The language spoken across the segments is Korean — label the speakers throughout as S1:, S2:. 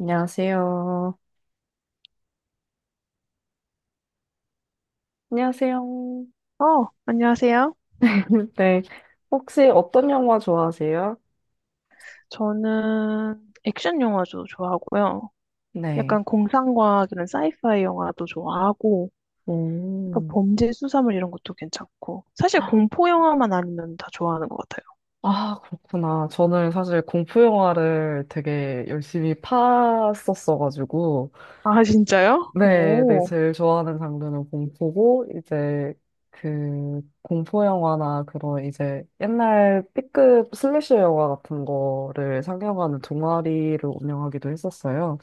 S1: 안녕하세요. 안녕하세요.
S2: 안녕하세요.
S1: 네. 혹시 어떤 영화 좋아하세요?
S2: 저는 액션 영화도 좋아하고요.
S1: 네.
S2: 약간 공상과학 이런 사이파이 영화도 좋아하고, 약간
S1: 오.
S2: 범죄 수사물 이런 것도 괜찮고. 사실 공포 영화만 아니면 다 좋아하는 것 같아요.
S1: 아, 그렇구나. 저는 사실 공포 영화를 되게 열심히 팠었어가지고.
S2: 아, 진짜요?
S1: 네, 네.
S2: 오.
S1: 제일 좋아하는 장르는 공포고, 이제 그 공포 영화나 그런 이제 옛날 B급 슬래셔 영화 같은 거를 상영하는 동아리를 운영하기도 했었어요.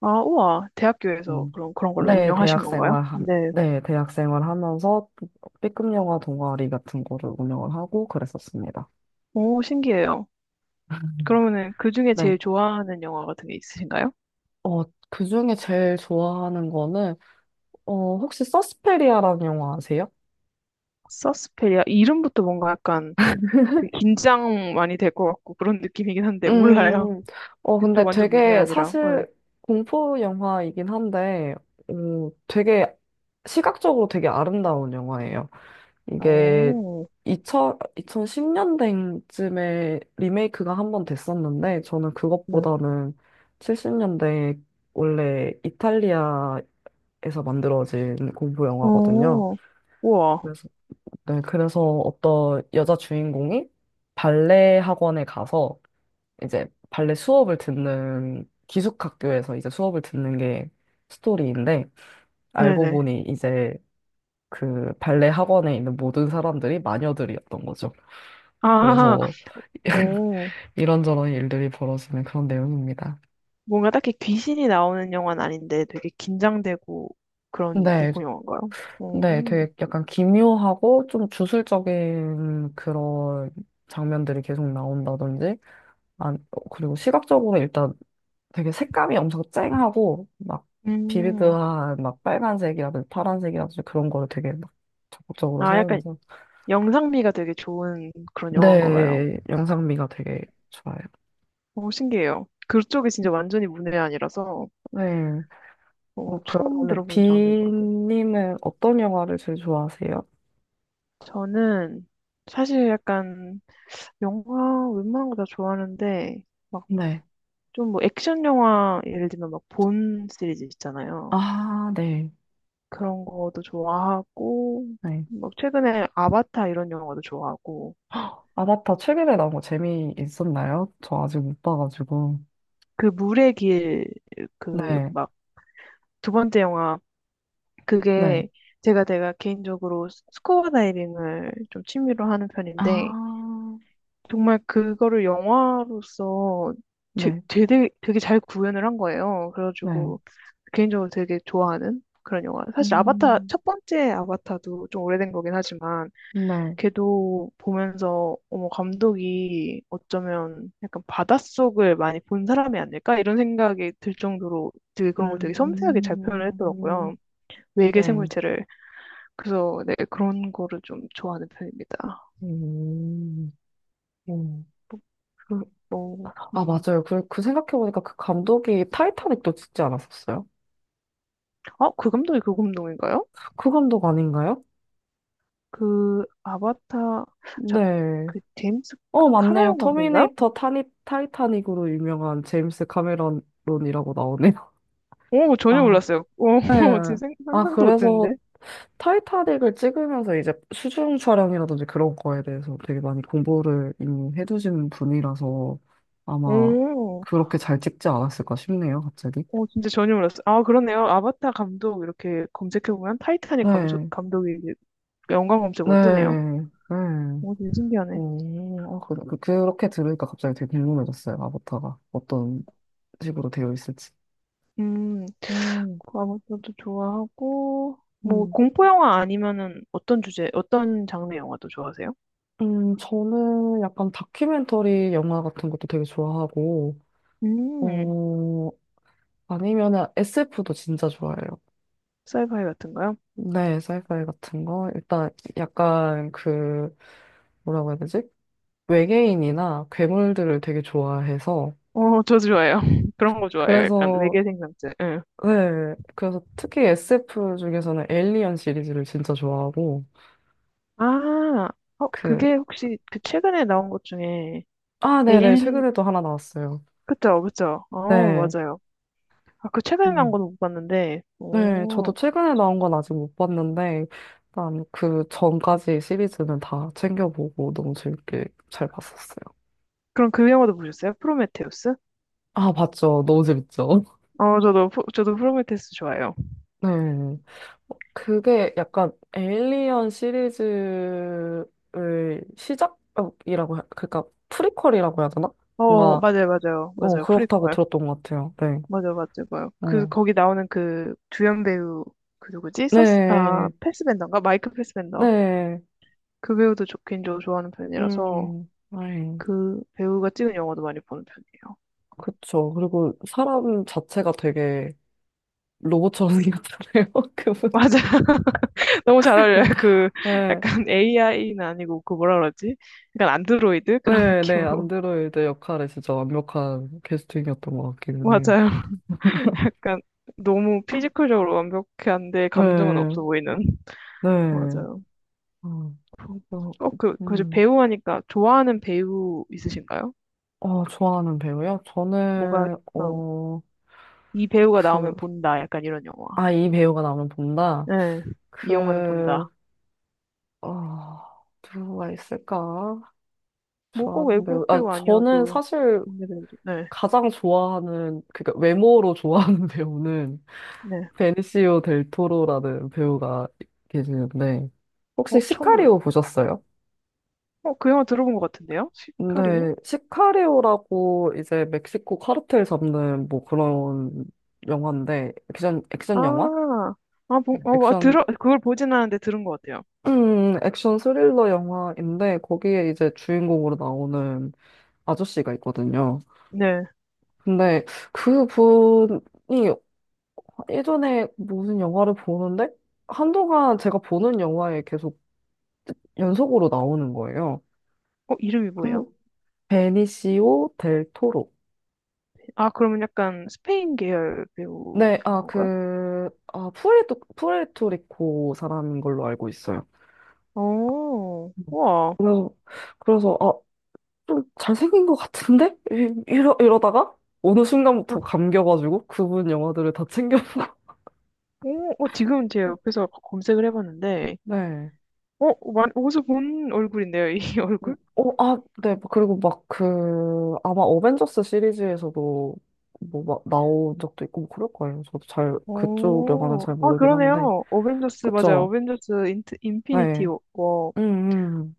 S2: 아, 우와. 대학교에서
S1: 음,
S2: 그런 거를
S1: 네,
S2: 운영하신
S1: 대학
S2: 건가요?
S1: 생활,
S2: 네.
S1: 네, 대학 생활 하면서 B급 영화 동아리 같은 거를 운영을 하고 그랬었습니다.
S2: 오, 신기해요. 그러면은 그 중에
S1: 네.
S2: 제일 좋아하는 영화 같은 게 있으신가요?
S1: 어, 그 중에 제일 좋아하는 거는, 혹시 서스페리아라는 영화 아세요?
S2: 서스페리아. 이름부터 뭔가 약간 되게 긴장 많이 될 것 같고 그런 느낌이긴 한데, 몰라요.
S1: 음,
S2: 그쪽
S1: 근데
S2: 완전 문외
S1: 되게
S2: 아니라. 네.
S1: 사실 공포 영화이긴 한데, 되게 시각적으로 되게 아름다운 영화예요. 이게
S2: 오,
S1: 2 0 2010년대쯤에 리메이크가 한 번 됐었는데, 저는
S2: 네.
S1: 그것보다는 70년대 원래 이탈리아에서 만들어진 공포 영화거든요.
S2: 오, 우와.
S1: 그래서, 네, 그래서 어떤 여자 주인공이 발레 학원에 가서 이제 발레 수업을 듣는 기숙학교에서 이제 수업을 듣는 게 스토리인데, 알고
S2: 네네.
S1: 보니 이제 그 발레 학원에 있는 모든 사람들이 마녀들이었던 거죠.
S2: 아,
S1: 그래서
S2: 오.
S1: 이런저런 일들이 벌어지는 그런 내용입니다.
S2: 뭔가 딱히 귀신이 나오는 영화는 아닌데 되게 긴장되고 그런
S1: 네,
S2: 공포 영화인가요?
S1: 네,
S2: 오.
S1: 되게 약간 기묘하고 좀 주술적인 그런 장면들이 계속 나온다든지, 아, 그리고 시각적으로 일단 되게 색감이 엄청 쨍하고, 막
S2: 음.
S1: 비비드한 막 빨간색이라든지 파란색이라든지 그런 거를 되게 막 적극적으로
S2: 아, 약간
S1: 사용해서,
S2: 영상미가 되게 좋은 그런 영화인가 봐요.
S1: 네, 영상미가 되게 좋아요.
S2: 오, 신기해요. 그쪽이 진짜 완전히 문외 아니라서
S1: 네,
S2: 처음
S1: 그러면 은
S2: 들어보는 장르인 것 같아요.
S1: 비님은 어떤 영화를 제일 좋아하세요?
S2: 저는 사실 약간 영화 웬만한 거 다 좋아하는데 막
S1: 네.
S2: 좀 뭐 액션 영화 예를 들면 막 본 시리즈 있잖아요.
S1: 아, 네.
S2: 그런 거도 좋아하고
S1: 네.
S2: 막 최근에 아바타 이런 영화도 좋아하고
S1: 아바타 최근에 나온 거 재미있었나요? 저 아직 못 봐가지고.
S2: 그 물의 길 그
S1: 네.
S2: 막 두 번째 영화 그게
S1: 네.
S2: 제가 개인적으로 스쿠버 다이빙을 좀 취미로 하는 편인데
S1: 아,
S2: 정말 그거를 영화로서
S1: 네.
S2: 되게 잘 구현을 한 거예요.
S1: 네.
S2: 그래가지고 개인적으로 되게 좋아하는 그런 영화. 사실 아바타,
S1: 음,
S2: 첫 번째 아바타도 좀 오래된 거긴 하지만
S1: 네.
S2: 걔도 보면서 어머, 감독이 어쩌면 약간 바닷속을 많이 본 사람이 아닐까? 이런 생각이 들 정도로 되게 그런 걸 되게 섬세하게 잘 표현을
S1: 음,
S2: 했더라고요. 외계
S1: 네.
S2: 생물체를. 그래서 네, 그런 거를 좀 좋아하는 편입니다.
S1: 음, 음.
S2: 뭐,
S1: 그,
S2: 뭐,
S1: 아,
S2: 음.
S1: 맞아요. 그, 그 생각해보니까 그 감독이 타이타닉도 찍지 않았었어요?
S2: 어, 그 감독이 그 감독인가요?
S1: 그 감독 아닌가요?
S2: 그 아바타 자,
S1: 네.
S2: 그 제임스
S1: 맞네요.
S2: 카메론 감독인가요?
S1: 터미네이터 타이타닉으로 유명한 제임스 카메론이라고 나오네요.
S2: 오 전혀
S1: 아,
S2: 몰랐어요. 오
S1: 네.
S2: 지금
S1: 아,
S2: 상상도
S1: 그래서
S2: 못했는데.
S1: 타이타닉을 찍으면서 이제 수중 촬영이라든지 그런 거에 대해서 되게 많이 공부를 이미 해두신 분이라서 아마
S2: 오,
S1: 그렇게 잘 찍지 않았을까 싶네요, 갑자기.
S2: 오 진짜 전혀 몰랐어요. 아 그러네요. 아바타 감독 이렇게 검색해 보면 타이타닉 감독
S1: 네,
S2: 감독이 이제 연관 검색으로 뜨네요.
S1: 네, 네.
S2: 오 되게 신기하네.
S1: 오, 아, 그, 그렇게 들으니까 갑자기 되게 궁금해졌어요, 아바타가. 어떤 식으로 되어 있을지.
S2: 음,
S1: 음,
S2: 그 아바타도 좋아하고 뭐
S1: 음.
S2: 공포 영화 아니면은 어떤 주제 어떤 장르 영화도 좋아하세요?
S1: 저는 약간 다큐멘터리 영화 같은 것도 되게 좋아하고,
S2: 음,
S1: 어, 아니면은 SF도 진짜 좋아해요.
S2: 사이파이 같은가요?
S1: 네, 사이파이 같은 거. 일단 약간 그 뭐라고 해야 되지? 외계인이나 괴물들을 되게 좋아해서
S2: 어, 저 좋아요.
S1: 음.
S2: 그런 거 좋아해요. 약간
S1: 그래서
S2: 외계 생명체. 응.
S1: 네, 그래서 특히 SF 중에서는 에일리언 시리즈를 진짜 좋아하고
S2: 아, 어,
S1: 그
S2: 그게 혹시 그 최근에 나온 것 중에
S1: 아, 네네
S2: 에일리,
S1: 최근에도 하나 나왔어요.
S2: 그쵸, 그쵸. 어,
S1: 네.
S2: 맞아요. 아, 그 최근에 나온
S1: 음.
S2: 건 못 봤는데,
S1: 네, 저도
S2: 오,
S1: 최근에 나온 건 아직 못 봤는데, 일단 그 전까지 시리즈는 다 챙겨보고 너무 재밌게 잘 봤었어요.
S2: 그럼 그 영화도 보셨어요? 프로메테우스?
S1: 아, 봤죠. 너무 재밌죠.
S2: 저도, 저도 프로메테우스 좋아해요.
S1: 네. 그게 약간 에일리언 시리즈의 시작이라고, 그러니까 프리퀄이라고 해야 되나?
S2: 어,
S1: 뭔가,
S2: 맞아요, 맞아요. 맞아요.
S1: 그렇다고
S2: 프리퀄.
S1: 들었던 것 같아요. 네.
S2: 맞아요, 맞아요. 맞아요. 그,
S1: 어.
S2: 거기 나오는 그 주연 배우, 그 누구지? 서스, 아,
S1: 네.
S2: 패스벤더인가? 마이크 패스벤더.
S1: 네.
S2: 그 배우도 좋긴 저 좋아하는 편이라서.
S1: 음. 네.
S2: 그 배우가 찍은 영화도 많이 보는 편이에요.
S1: 그쵸. 그리고 사람 자체가 되게 로봇처럼 생겼잖아요. 그분.
S2: 맞아. 너무 잘 어울려요. 그
S1: 네.
S2: 약간 AI는 아니고 그 뭐라 그러지? 약간 안드로이드 그런
S1: 네, 네.
S2: 느낌으로.
S1: 안드로이드 역할에 진짜 완벽한 캐스팅이었던 것 같기는 해요.
S2: 맞아요. 약간 너무 피지컬적으로 완벽한데 감정은
S1: 네.
S2: 없어 보이는.
S1: 네.
S2: 맞아요.
S1: 어, 저,
S2: 어, 그, 그
S1: 음,
S2: 배우 하니까 좋아하는 배우 있으신가요?
S1: 좋아하는 배우요?
S2: 뭔가
S1: 저는,
S2: 어, 이 배우가
S1: 그,
S2: 나오면 본다. 약간 이런 영화.
S1: 이 배우가 나오면 본다.
S2: 네. 이 영화는
S1: 그,
S2: 본다.
S1: 어, 누가 있을까?
S2: 뭐 꼭
S1: 좋아하는 배우.
S2: 외국
S1: 아,
S2: 배우
S1: 저는
S2: 아니어도
S1: 사실
S2: 국내 배우도. 네.
S1: 가장 좋아하는, 그러니까 외모로 좋아하는 배우는
S2: 네.
S1: 베니시오 델 토로라는 배우가 계시는데,
S2: 어,
S1: 혹시
S2: 처음 들어요.
S1: 시카리오 보셨어요?
S2: 어, 그 영화 들어본 것 같은데요? 시카리오?
S1: 네, 시카리오라고 이제 멕시코 카르텔 잡는 뭐 그런 영화인데, 액션 영화?
S2: 아, 아, 보, 어, 아,
S1: 액션,
S2: 들어, 그걸 보진 않았는데 들은 것 같아요.
S1: 액션 스릴러 영화인데, 거기에 이제 주인공으로 나오는 아저씨가 있거든요.
S2: 네.
S1: 근데 그 분이 예전에 무슨 영화를 보는데, 한동안 제가 보는 영화에 계속 연속으로 나오는 거예요.
S2: 어, 이름이 뭐예요?
S1: 그 베니시오 델 토로.
S2: 아, 그러면 약간 스페인 계열 배우인
S1: 네,
S2: 건가요?
S1: 그, 푸에르토리코 사람인 걸로 알고 있어요.
S2: 오!
S1: 음.
S2: 우와.
S1: 그래서, 그래서, 아, 좀 잘생긴 것 같은데? 이러다가 어느
S2: 아,
S1: 순간부터 감겨가지고 그분 영화들을 다 챙겨보고.
S2: 오, 어, 지금 제 옆에서 검색을 해봤는데,
S1: 네.
S2: 어, 마, 어디서 본 얼굴인데요, 이 얼굴?
S1: 네. 그리고 막 그, 아마 어벤져스 시리즈에서도 뭐 막 나온 적도 있고 뭐 그럴 거예요. 저도 잘, 그쪽 영화는
S2: 오,
S1: 잘
S2: 아,
S1: 모르긴 한데.
S2: 그러네요. 어벤져스, 맞아요.
S1: 그쵸?
S2: 어벤져스 인트, 인피니티
S1: 네.
S2: 워.
S1: 음, 음.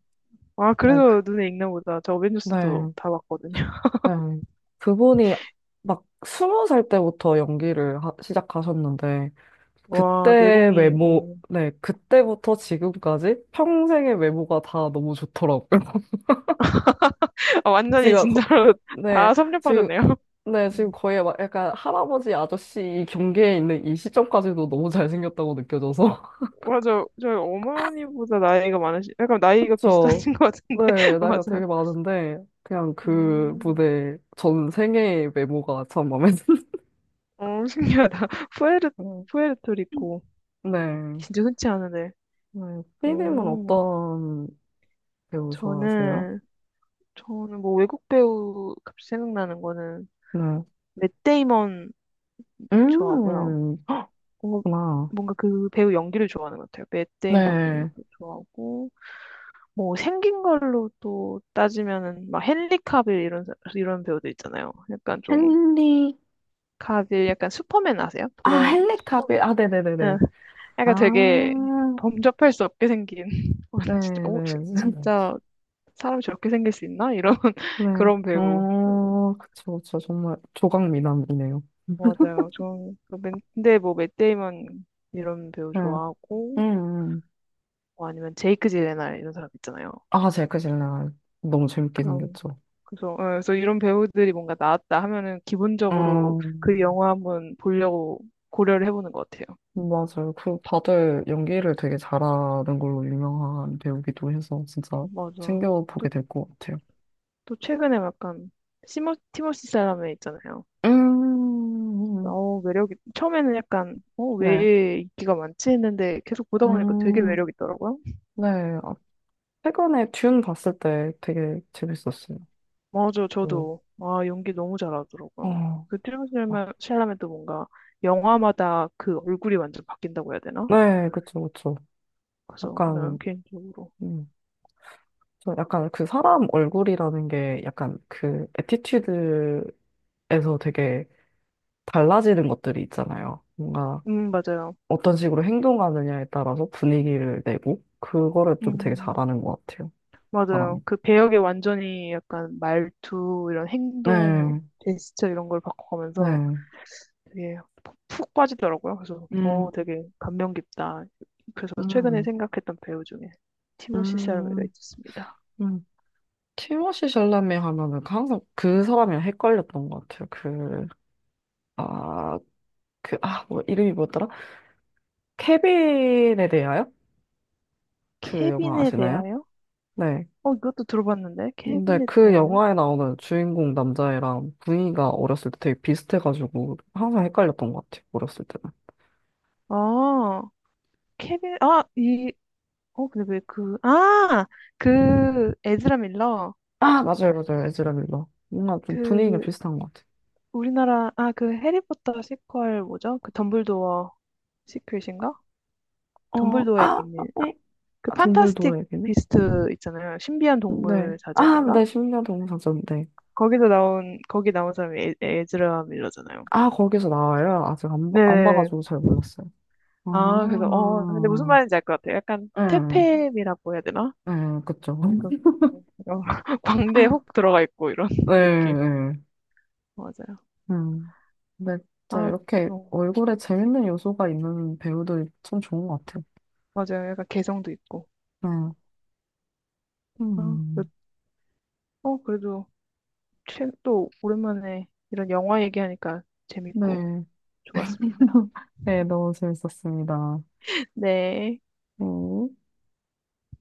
S2: 아,
S1: 네.
S2: 그래서 눈에 익나 보다. 저 어벤져스도
S1: 네.
S2: 다 봤거든요.
S1: 네. 그분이 막 스무 살 때부터 연기를 시작하셨는데,
S2: 와,
S1: 그때
S2: 내공이,
S1: 외모,
S2: 어.
S1: 네, 그때부터 지금까지 평생의 외모가 다 너무 좋더라고요.
S2: 어, 완전히
S1: 제가,
S2: 진짜로
S1: 네,
S2: 다
S1: 지금,
S2: 섭렵하셨네요.
S1: 네, 지금
S2: 음.
S1: 거의 막 약간 할아버지 아저씨 경계에 있는 이 시점까지도 너무 잘생겼다고 느껴져서.
S2: 맞아. 저희 어머니보다 나이가 많으시, 약간 나이가
S1: 그쵸.
S2: 비슷하신 것 같은데.
S1: 네, 나이가
S2: 맞아.
S1: 되게 많은데, 그냥 그
S2: 음.
S1: 무대 전 생애의 외모가 참 마음에
S2: 어, 신기하다. 푸에르,
S1: 드네요.
S2: 푸에르토리코.
S1: 네.
S2: 진짜 흔치 않은데.
S1: 네, 삐님은
S2: 오.
S1: 어떤 배우 좋아하세요?
S2: 저는, 저는 뭐 외국 배우 갑자기 생각나는 거는
S1: 네.
S2: 맷 데이먼 좋아하고요.
S1: 음,
S2: 뭔가,
S1: 그렇구나.
S2: 뭔가 그 배우 연기를 좋아하는 것 같아요. 맷
S1: 네.
S2: 데이먼도 좋아하고. 뭐 생긴 걸로 또 따지면은 막 헨리 카빌 이런 배우들 있잖아요. 약간 좀
S1: 헨리,
S2: 카빌 약간 슈퍼맨 아세요?
S1: 헨리 카빌. 아,
S2: 예,
S1: 네네네네. 아,
S2: 약간 되게 범접할 수 없게 생긴 어, 진짜 어,
S1: 네네.
S2: 진짜 사람이 저렇게 생길 수 있나? 이런
S1: 네.
S2: 그런 배우 그래서
S1: 그쵸, 그쵸. 정말 조각미남이네요.
S2: 맞아요. 좀그 근데 뭐 맷 데이먼 이런 배우
S1: 네. 음,
S2: 좋아하고
S1: 음.
S2: 뭐 아니면 제이크 질레날 이런 사람 있잖아요.
S1: 아, 제이크 질레 너무 재밌게
S2: 그런
S1: 생겼죠.
S2: 그래서, 어, 그래서 이런 배우들이 뭔가 나왔다 하면은 기본적으로 그
S1: 음,
S2: 영화 한번 보려고 고려를 해보는 것 같아요.
S1: 맞아요. 그, 다들 연기를 되게 잘하는 걸로 유명한 배우기도 해서 진짜
S2: 맞아. 또,
S1: 챙겨보게 될 것 같아요.
S2: 또 최근에 약간 티모시 샬라메 있잖아요.
S1: 음,
S2: 어, 매력이, 처음에는 약간, 어,
S1: 네.
S2: 왜 인기가 많지 했는데 계속 보다 보니까 되게
S1: 음,
S2: 매력 있더라고요.
S1: 네. 어, 최근에 듄 봤을 때 되게 재밌었어요.
S2: 맞아,
S1: 음,
S2: 저도. 아, 연기 너무 잘하더라고요.
S1: 어,
S2: 그
S1: 아,
S2: 샬라메도 뭔가 영화마다 그 얼굴이 완전 바뀐다고 해야 되나?
S1: 네, 그쵸, 그쵸.
S2: 그래서, 네,
S1: 약간,
S2: 개인적으로.
S1: 음, 저 약간 그 사람 얼굴이라는 게 약간 그 애티튜드에서 되게 달라지는 것들이 있잖아요. 뭔가
S2: 맞아요.
S1: 어떤 식으로 행동하느냐에 따라서 분위기를 내고, 그거를 좀 되게
S2: 음.
S1: 잘하는 것 같아요, 사람이.
S2: 맞아요. 그 배역에 완전히 약간 말투, 이런 행동,
S1: 네,
S2: 제스처 이런 걸 바꿔가면서
S1: 네.
S2: 되게 푹푹 빠지더라고요. 그래서,
S1: 음,
S2: 어, 되게 감명 깊다. 그래서 최근에
S1: 음,
S2: 생각했던 배우 중에 티모시 샬메가
S1: 음.
S2: 있었습니다.
S1: 음. 티모시 샬라메 하면은 그 항상 그 사람이랑 헷갈렸던 것 같아요. 그, 아, 그, 뭐, 이름이 뭐였더라? 케빈에 대하여? 그 영화
S2: 케빈에
S1: 아시나요?
S2: 대하여?
S1: 네.
S2: 어, 이것도 들어봤는데.
S1: 근데
S2: 케빈에
S1: 그
S2: 대하여?
S1: 영화에 나오는 주인공 남자애랑 분위기가 어렸을 때 되게 비슷해가지고 항상 헷갈렸던 것 같아요. 어렸을 때는.
S2: 아, 케빈, 아, 이, 어, 근데 왜 그, 아! 그, 에즈라 밀러.
S1: 아, 맞아요, 맞아요. 에즈라 밀러. 뭔가 좀 분위기가
S2: 그,
S1: 비슷한 것 같아요.
S2: 우리나라 아 그 해리포터 시퀄 뭐죠? 그 덤블도어 시퀄인가?
S1: 어,
S2: 덤블도어의
S1: 아,
S2: 비밀.
S1: 에?
S2: 그
S1: 아,
S2: 판타스틱
S1: 덤블도어에게는?
S2: 비스트 있잖아요. 신비한
S1: 네.
S2: 동물
S1: 아,
S2: 사전인가?
S1: 네, 심0년 동상 전 네.
S2: 거기서 나온 거기 나온 사람이 에, 에즈라 밀러잖아요.
S1: 아, 거기서 나와요? 아직 안
S2: 네.
S1: 봐가지고 잘 몰랐어요. 아,
S2: 아 그래서 어 근데 무슨 말인지 알 것 같아요. 약간
S1: 응,
S2: 퇴폐미라고 해야 되나?
S1: 응, 그쵸.
S2: 약간 어, 광대에 혹 들어가 있고 이런
S1: 응,
S2: 느낌.
S1: 응.
S2: 맞아요.
S1: 음. 근데 진짜
S2: 아
S1: 이렇게
S2: 어,
S1: 얼굴에 재밌는 요소가 있는 배우들이 참 좋은 것 같아요.
S2: 맞아요. 약간 개성도 있고.
S1: 네.
S2: 아, 그-
S1: 음.
S2: 어 그래도 또 오랜만에 이런 영화 얘기하니까 재밌고
S1: 네.
S2: 좋았습니다.
S1: 네, 너무 재밌었습니다.
S2: 네.
S1: 음.